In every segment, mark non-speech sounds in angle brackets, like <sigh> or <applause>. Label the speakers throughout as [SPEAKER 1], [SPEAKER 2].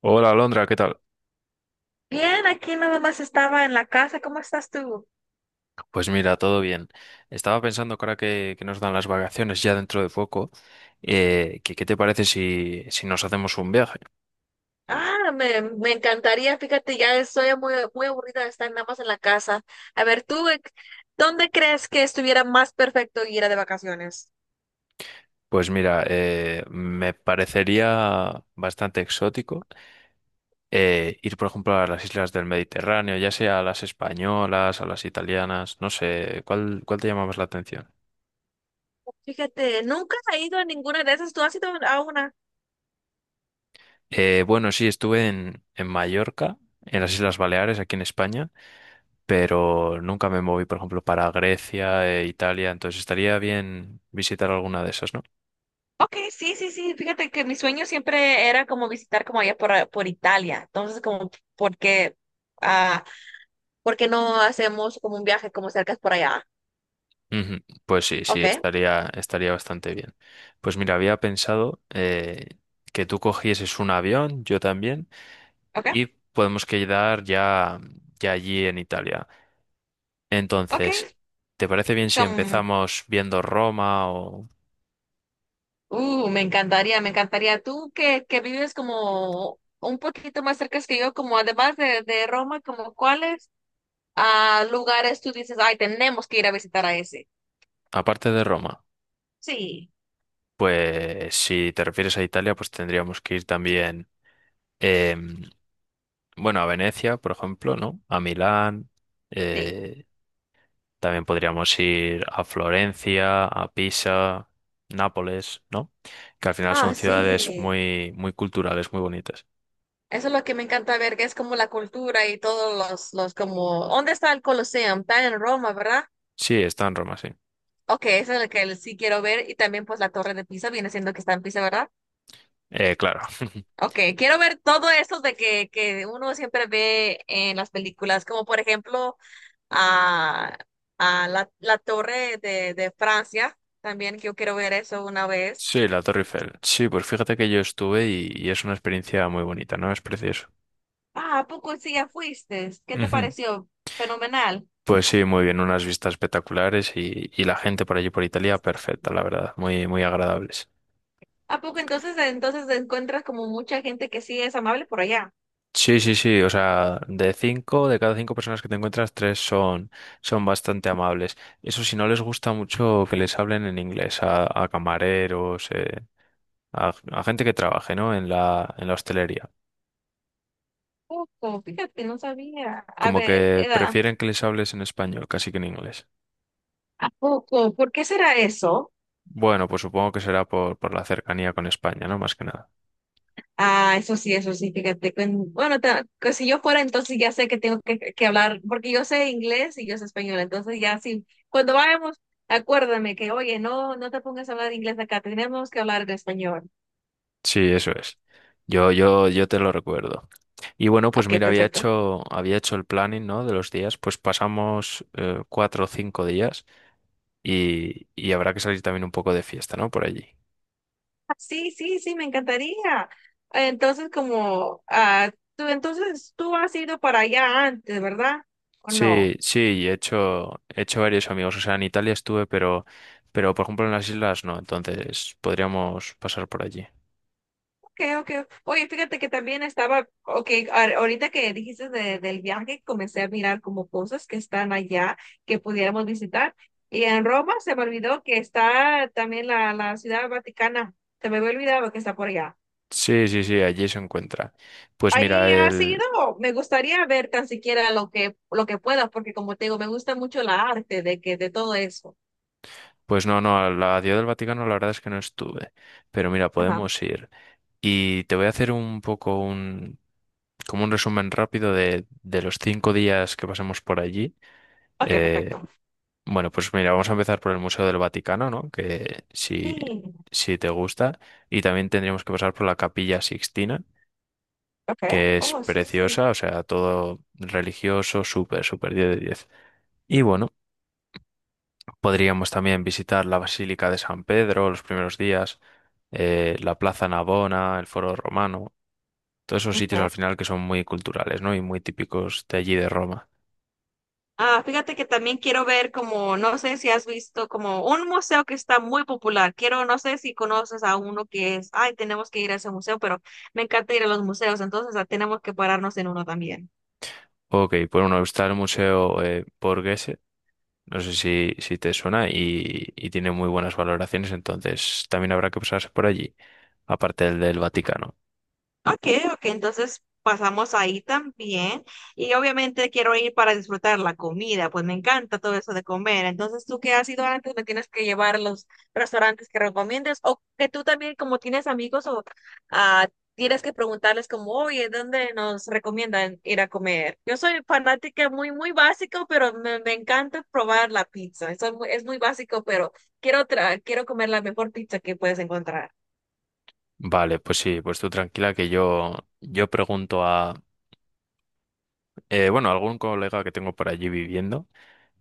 [SPEAKER 1] Hola, Alondra, ¿qué tal?
[SPEAKER 2] Bien, aquí nada más estaba en la casa. ¿Cómo estás tú?
[SPEAKER 1] Pues mira, todo bien. Estaba pensando que ahora que nos dan las vacaciones ya dentro de poco, ¿qué te parece si nos hacemos un viaje?
[SPEAKER 2] Ah, me encantaría. Fíjate, ya estoy muy aburrida de estar nada más en la casa. A ver, tú, ¿dónde crees que estuviera más perfecto ir a de vacaciones?
[SPEAKER 1] Pues mira, me parecería bastante exótico ir, por ejemplo, a las islas del Mediterráneo, ya sea a las españolas, a las italianas, no sé, ¿cuál te llama más la atención?
[SPEAKER 2] Fíjate, nunca he ido a ninguna de esas. ¿Tú has ido a una?
[SPEAKER 1] Bueno, sí, estuve en Mallorca, en las Islas Baleares, aquí en España. Pero nunca me moví, por ejemplo, para Grecia e Italia, entonces estaría bien visitar alguna de esas, ¿no?
[SPEAKER 2] Ok, sí, sí, sí. Fíjate que mi sueño siempre era como visitar como allá por Italia. Entonces, como, ¿por qué, ah, ¿por qué no hacemos como un viaje como cerca por allá?
[SPEAKER 1] Ujú. Pues sí, sí,
[SPEAKER 2] Ok,
[SPEAKER 1] estaría bastante bien. Pues mira, había pensado que tú cogieses un avión, yo también,
[SPEAKER 2] ok,
[SPEAKER 1] y podemos quedar ya, ya allí en Italia. Entonces,
[SPEAKER 2] ok.
[SPEAKER 1] ¿te parece bien si
[SPEAKER 2] Como,
[SPEAKER 1] empezamos viendo Roma o
[SPEAKER 2] Me encantaría, me encantaría. Tú que vives como un poquito más cerca que yo, como además de Roma, como cuáles lugares tú dices, ay, tenemos que ir a visitar a ese.
[SPEAKER 1] aparte de Roma?
[SPEAKER 2] Sí,
[SPEAKER 1] Pues si te refieres a Italia, pues tendríamos que ir también. em, Bueno, a Venecia, por ejemplo, ¿no? A Milán.
[SPEAKER 2] sí.
[SPEAKER 1] eh, también podríamos ir a Florencia, a Pisa, Nápoles, ¿no? Que al final son
[SPEAKER 2] Ah,
[SPEAKER 1] ciudades
[SPEAKER 2] sí.
[SPEAKER 1] muy, muy culturales, muy bonitas.
[SPEAKER 2] Eso es lo que me encanta ver, que es como la cultura y todos los como, ¿dónde está el Colosseum? Está en Roma, ¿verdad?
[SPEAKER 1] Sí, está en Roma, sí.
[SPEAKER 2] Ok, eso es lo que sí quiero ver y también pues la Torre de Pisa viene siendo que está en Pisa, ¿verdad?
[SPEAKER 1] Claro. <laughs>
[SPEAKER 2] Ok, quiero ver todo eso de que uno siempre ve en las películas, como por ejemplo a, a la Torre de Francia, también que yo quiero ver eso una vez.
[SPEAKER 1] Sí, la Torre Eiffel. Sí, pues fíjate que yo estuve y es una experiencia muy bonita, ¿no? Es precioso.
[SPEAKER 2] Ah, ¿a poco sí ya fuiste? ¿Qué te
[SPEAKER 1] Ujú.
[SPEAKER 2] pareció? Fenomenal.
[SPEAKER 1] Pues sí, muy bien, unas vistas espectaculares y la gente por allí por Italia, perfecta, la verdad, muy, muy agradables.
[SPEAKER 2] ¿A poco entonces encuentras como mucha gente que sí es amable por allá?
[SPEAKER 1] Sí, sí, sí. O sea, de cinco, de cada cinco personas que te encuentras, tres son, son bastante amables. Eso si no les gusta mucho que les hablen en inglés a camareros, a gente que trabaje, ¿no? En la hostelería.
[SPEAKER 2] Poco, fíjate, no sabía. A
[SPEAKER 1] Como
[SPEAKER 2] ver,
[SPEAKER 1] que
[SPEAKER 2] era,
[SPEAKER 1] prefieren que les hables en español, casi que en inglés.
[SPEAKER 2] ¿a poco? ¿Por qué será eso?
[SPEAKER 1] Bueno, pues supongo que será por la cercanía con España, ¿no? Más que nada.
[SPEAKER 2] Ah, eso sí, fíjate. Bueno, que si yo fuera, entonces ya sé que tengo que hablar, porque yo sé inglés y yo sé español, entonces ya sí, cuando vayamos, acuérdame que, oye, no, no te pongas a hablar inglés acá, tenemos que hablar en español.
[SPEAKER 1] Sí, eso es. Yo te lo recuerdo. Y bueno, pues
[SPEAKER 2] Ok,
[SPEAKER 1] mira, había
[SPEAKER 2] perfecto.
[SPEAKER 1] hecho, había hecho el planning, ¿no? De los días. Pues pasamos cuatro o cinco días. Y, y habrá que salir también un poco de fiesta, ¿no? Por allí.
[SPEAKER 2] Ah, sí, sí, sí, me encantaría. Entonces, como, ah, tú, entonces tú has ido para allá antes, ¿verdad? ¿O
[SPEAKER 1] Sí,
[SPEAKER 2] no?
[SPEAKER 1] sí, he hecho varios amigos. O sea, en Italia estuve, pero por ejemplo en las islas no. Entonces podríamos pasar por allí.
[SPEAKER 2] Okay, okay. Oye, fíjate que también estaba, okay, ahorita que dijiste del viaje, comencé a mirar como cosas que están allá que pudiéramos visitar. Y en Roma se me olvidó que está también la Ciudad Vaticana. Se me había olvidado que está por allá.
[SPEAKER 1] Sí, sí, sí, allí se encuentra. Pues
[SPEAKER 2] Ahí
[SPEAKER 1] mira,
[SPEAKER 2] ha sido, me gustaría ver tan siquiera lo que pueda, porque como te digo, me gusta mucho la arte de que, de todo eso.
[SPEAKER 1] pues no, no, a la Ciudad del Vaticano la verdad es que no estuve. Pero mira,
[SPEAKER 2] Ajá.
[SPEAKER 1] podemos ir. Y te voy a hacer un poco un, como un resumen rápido de los cinco días que pasemos por allí.
[SPEAKER 2] Okay,
[SPEAKER 1] Eh,
[SPEAKER 2] perfecto.
[SPEAKER 1] Bueno, pues mira, vamos a empezar por el Museo del Vaticano, ¿no? Que si,
[SPEAKER 2] Sí.
[SPEAKER 1] si te gusta. Y también tendríamos que pasar por la Capilla Sixtina,
[SPEAKER 2] Okay.
[SPEAKER 1] que es
[SPEAKER 2] Oh, sí, sí.
[SPEAKER 1] preciosa, o sea, todo religioso, súper, súper 10 de 10. Y bueno, podríamos también visitar la Basílica de San Pedro los primeros días, la Plaza Navona, el Foro Romano, todos esos sitios
[SPEAKER 2] Ok.
[SPEAKER 1] al final que son muy culturales, ¿no? Y muy típicos de allí de Roma.
[SPEAKER 2] Ah, fíjate que también quiero ver como, no sé si has visto como un museo que está muy popular. Quiero, no sé si conoces a uno que es, ay, tenemos que ir a ese museo, pero me encanta ir a los museos, entonces ah, tenemos que pararnos en uno también.
[SPEAKER 1] Ok, por uno está el Museo Borghese. No sé si, si te suena y tiene muy buenas valoraciones, entonces también habrá que pasarse por allí, aparte del Vaticano.
[SPEAKER 2] Ok, ok, entonces pasamos ahí también. Y obviamente quiero ir para disfrutar la comida, pues me encanta todo eso de comer. Entonces, tú que has ido antes, me tienes que llevar a los restaurantes que recomiendes o que tú también, como tienes amigos, o ah, tienes que preguntarles como, oye, ¿dónde nos recomiendan ir a comer? Yo soy fanática muy, muy básico, pero me encanta probar la pizza. Eso es muy básico, pero quiero, quiero comer la mejor pizza que puedes encontrar.
[SPEAKER 1] Vale, pues sí, pues tú tranquila que yo pregunto a, bueno, algún colega que tengo por allí viviendo,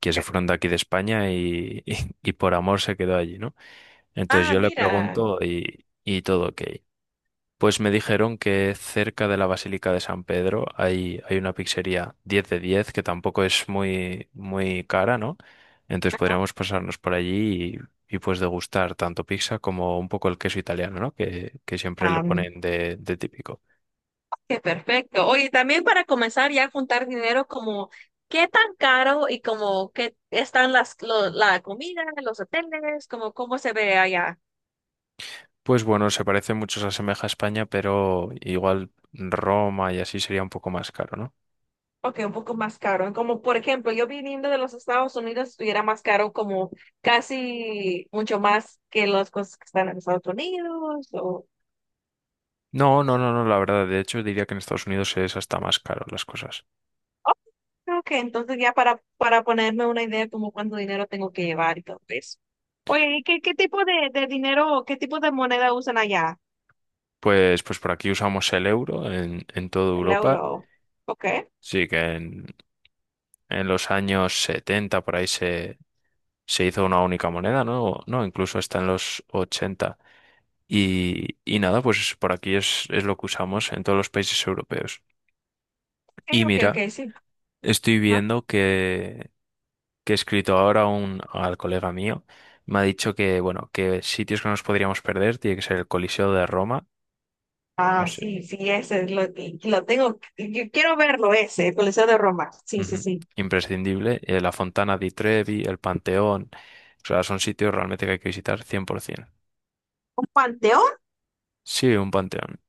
[SPEAKER 1] que se fueron de aquí de España y, <laughs> y, por amor se quedó allí, ¿no? Entonces
[SPEAKER 2] Ah,
[SPEAKER 1] yo le
[SPEAKER 2] mira.
[SPEAKER 1] pregunto y todo ok. Pues me dijeron que cerca de la Basílica de San Pedro hay, hay una pizzería 10 de 10 que tampoco es muy, muy cara, ¿no? Entonces podríamos pasarnos por allí y, pues degustar tanto pizza como un poco el queso italiano, ¿no? Que siempre le ponen de típico.
[SPEAKER 2] Qué perfecto. Oye, también para comenzar ya a juntar dinero, como qué tan caro y como qué están las la comida, los hoteles, como cómo se ve allá.
[SPEAKER 1] Pues bueno, se parece mucho, se asemeja a España, pero igual Roma y así sería un poco más caro, ¿no?
[SPEAKER 2] Ok, un poco más caro. Como por ejemplo, yo viniendo de los Estados Unidos, estuviera más caro como casi mucho más que las cosas que están en Estados Unidos. O…
[SPEAKER 1] No, no, no, no, la verdad, de hecho diría que en Estados Unidos es hasta más caro las cosas.
[SPEAKER 2] Ok, entonces ya para ponerme una idea como cuánto dinero tengo que llevar y todo eso. Oye, ¿y qué tipo de dinero, qué tipo de moneda usan allá?
[SPEAKER 1] Pues, pues por aquí usamos el euro en toda
[SPEAKER 2] El
[SPEAKER 1] Europa.
[SPEAKER 2] euro. Ok,
[SPEAKER 1] Sí, que en los años 70 por ahí se, se hizo una única moneda, ¿no? O no, incluso está en los ochenta. Y nada, pues por aquí es lo que usamos en todos los países europeos.
[SPEAKER 2] sí,
[SPEAKER 1] Y
[SPEAKER 2] ok,
[SPEAKER 1] mira,
[SPEAKER 2] ok, sí.
[SPEAKER 1] estoy
[SPEAKER 2] Ajá.
[SPEAKER 1] viendo que he escrito ahora un, al colega mío. Me ha dicho que, bueno, que sitios que nos podríamos perder tiene que ser el Coliseo de Roma. No
[SPEAKER 2] Ah,
[SPEAKER 1] sé.
[SPEAKER 2] sí, sí, ese es lo tengo. Yo quiero verlo ese, el Coliseo de Roma. Sí, sí,
[SPEAKER 1] Ujú.
[SPEAKER 2] sí.
[SPEAKER 1] Imprescindible. La Fontana di Trevi, el Panteón. O sea, son sitios realmente que hay que visitar 100%.
[SPEAKER 2] ¿Un panteón?
[SPEAKER 1] Sí, un panteón.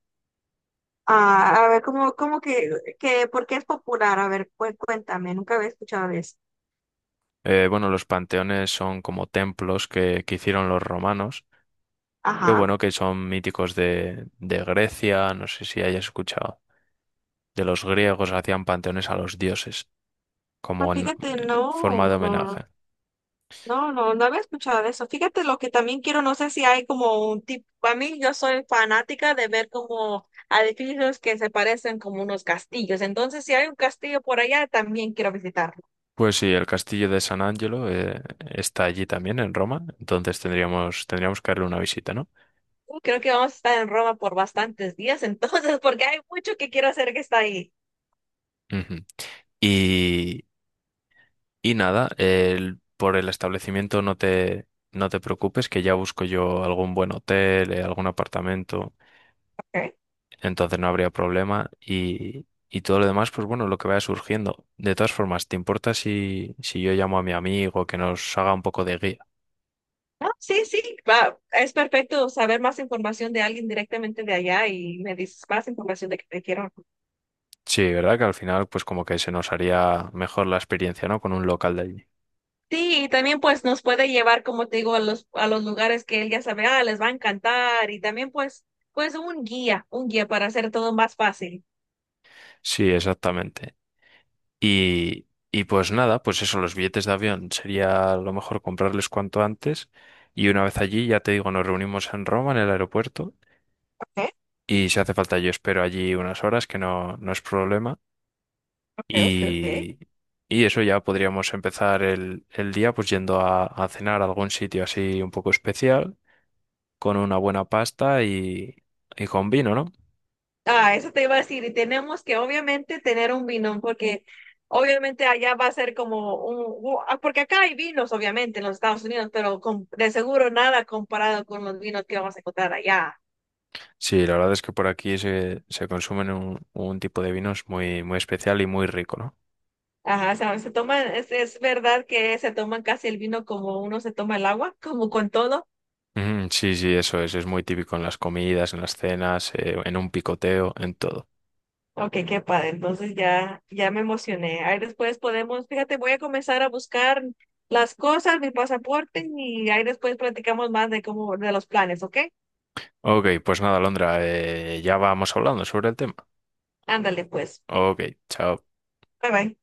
[SPEAKER 2] Ah, a ver, ¿cómo que, por qué es popular? A ver, cuéntame, nunca había escuchado de eso.
[SPEAKER 1] Bueno, los panteones son como templos que hicieron los romanos. Qué
[SPEAKER 2] Ajá.
[SPEAKER 1] bueno que son míticos de Grecia, no sé si hayas escuchado. De los griegos hacían panteones a los dioses,
[SPEAKER 2] Ah,
[SPEAKER 1] como en
[SPEAKER 2] fíjate,
[SPEAKER 1] forma
[SPEAKER 2] no,
[SPEAKER 1] de
[SPEAKER 2] no.
[SPEAKER 1] homenaje.
[SPEAKER 2] No, no, no había escuchado de eso. Fíjate lo que también quiero, no sé si hay como un tipo. Para mí yo soy fanática de ver como edificios que se parecen como unos castillos. Entonces, si hay un castillo por allá, también quiero visitarlo.
[SPEAKER 1] Pues sí, el castillo de San Angelo está allí también, en Roma, entonces tendríamos, tendríamos que darle una visita, ¿no?
[SPEAKER 2] Creo que vamos a estar en Roma por bastantes días, entonces, <laughs> porque hay mucho que quiero hacer que está ahí.
[SPEAKER 1] Ujú. Y, y nada, el- por el establecimiento no te, no te preocupes, que ya busco yo algún buen hotel, algún apartamento,
[SPEAKER 2] Okay.
[SPEAKER 1] entonces no habría problema. Y todo lo demás, pues bueno, lo que vaya surgiendo. De todas formas, ¿te importa si, si yo llamo a mi amigo que nos haga un poco de guía?
[SPEAKER 2] No, sí, sí, va, es perfecto saber más información de alguien directamente de allá y me dices más información de que te quiero.
[SPEAKER 1] Sí, ¿verdad? Que al final, pues como que se nos haría mejor la experiencia, ¿no? Con un local de allí.
[SPEAKER 2] Sí, y también pues nos puede llevar, como te digo, a los lugares que él ya sabe, ah, les va a encantar y también pues, pues un guía para hacer todo más fácil.
[SPEAKER 1] Sí, exactamente. Y pues nada, pues eso, los billetes de avión sería lo mejor comprarles cuanto antes. Y una vez allí, ya te digo, nos reunimos en Roma, en el aeropuerto.
[SPEAKER 2] Ok,
[SPEAKER 1] Y si hace falta, yo espero allí unas horas, que no, no es problema.
[SPEAKER 2] ok, ok, ok.
[SPEAKER 1] Y, y eso ya podríamos empezar el día, pues yendo a cenar a algún sitio así un poco especial, con una buena pasta y con vino, ¿no?
[SPEAKER 2] Ah, eso te iba a decir, y tenemos que obviamente tener un vino, porque obviamente allá va a ser como un, ah, porque acá hay vinos, obviamente, en los Estados Unidos, pero de seguro nada comparado con los vinos que vamos a encontrar allá.
[SPEAKER 1] Sí, la verdad es que por aquí se, se consumen un tipo de vinos muy, muy especial y muy rico, ¿no?
[SPEAKER 2] Ajá, o sea, se toman, es verdad que se toman casi el vino como uno se toma el agua, como con todo.
[SPEAKER 1] Mm, sí, sí, eso es. Es muy típico en las comidas, en las cenas, en un picoteo, en todo.
[SPEAKER 2] Ok, qué padre. Entonces ya, ya me emocioné. Ahí después podemos, fíjate, voy a comenzar a buscar las cosas, mi pasaporte, y ahí después platicamos más de cómo, de los planes, ¿ok?
[SPEAKER 1] Ok, pues nada, Londra, ya vamos hablando sobre el tema.
[SPEAKER 2] Ándale, pues.
[SPEAKER 1] Ok, chao.
[SPEAKER 2] Bye bye.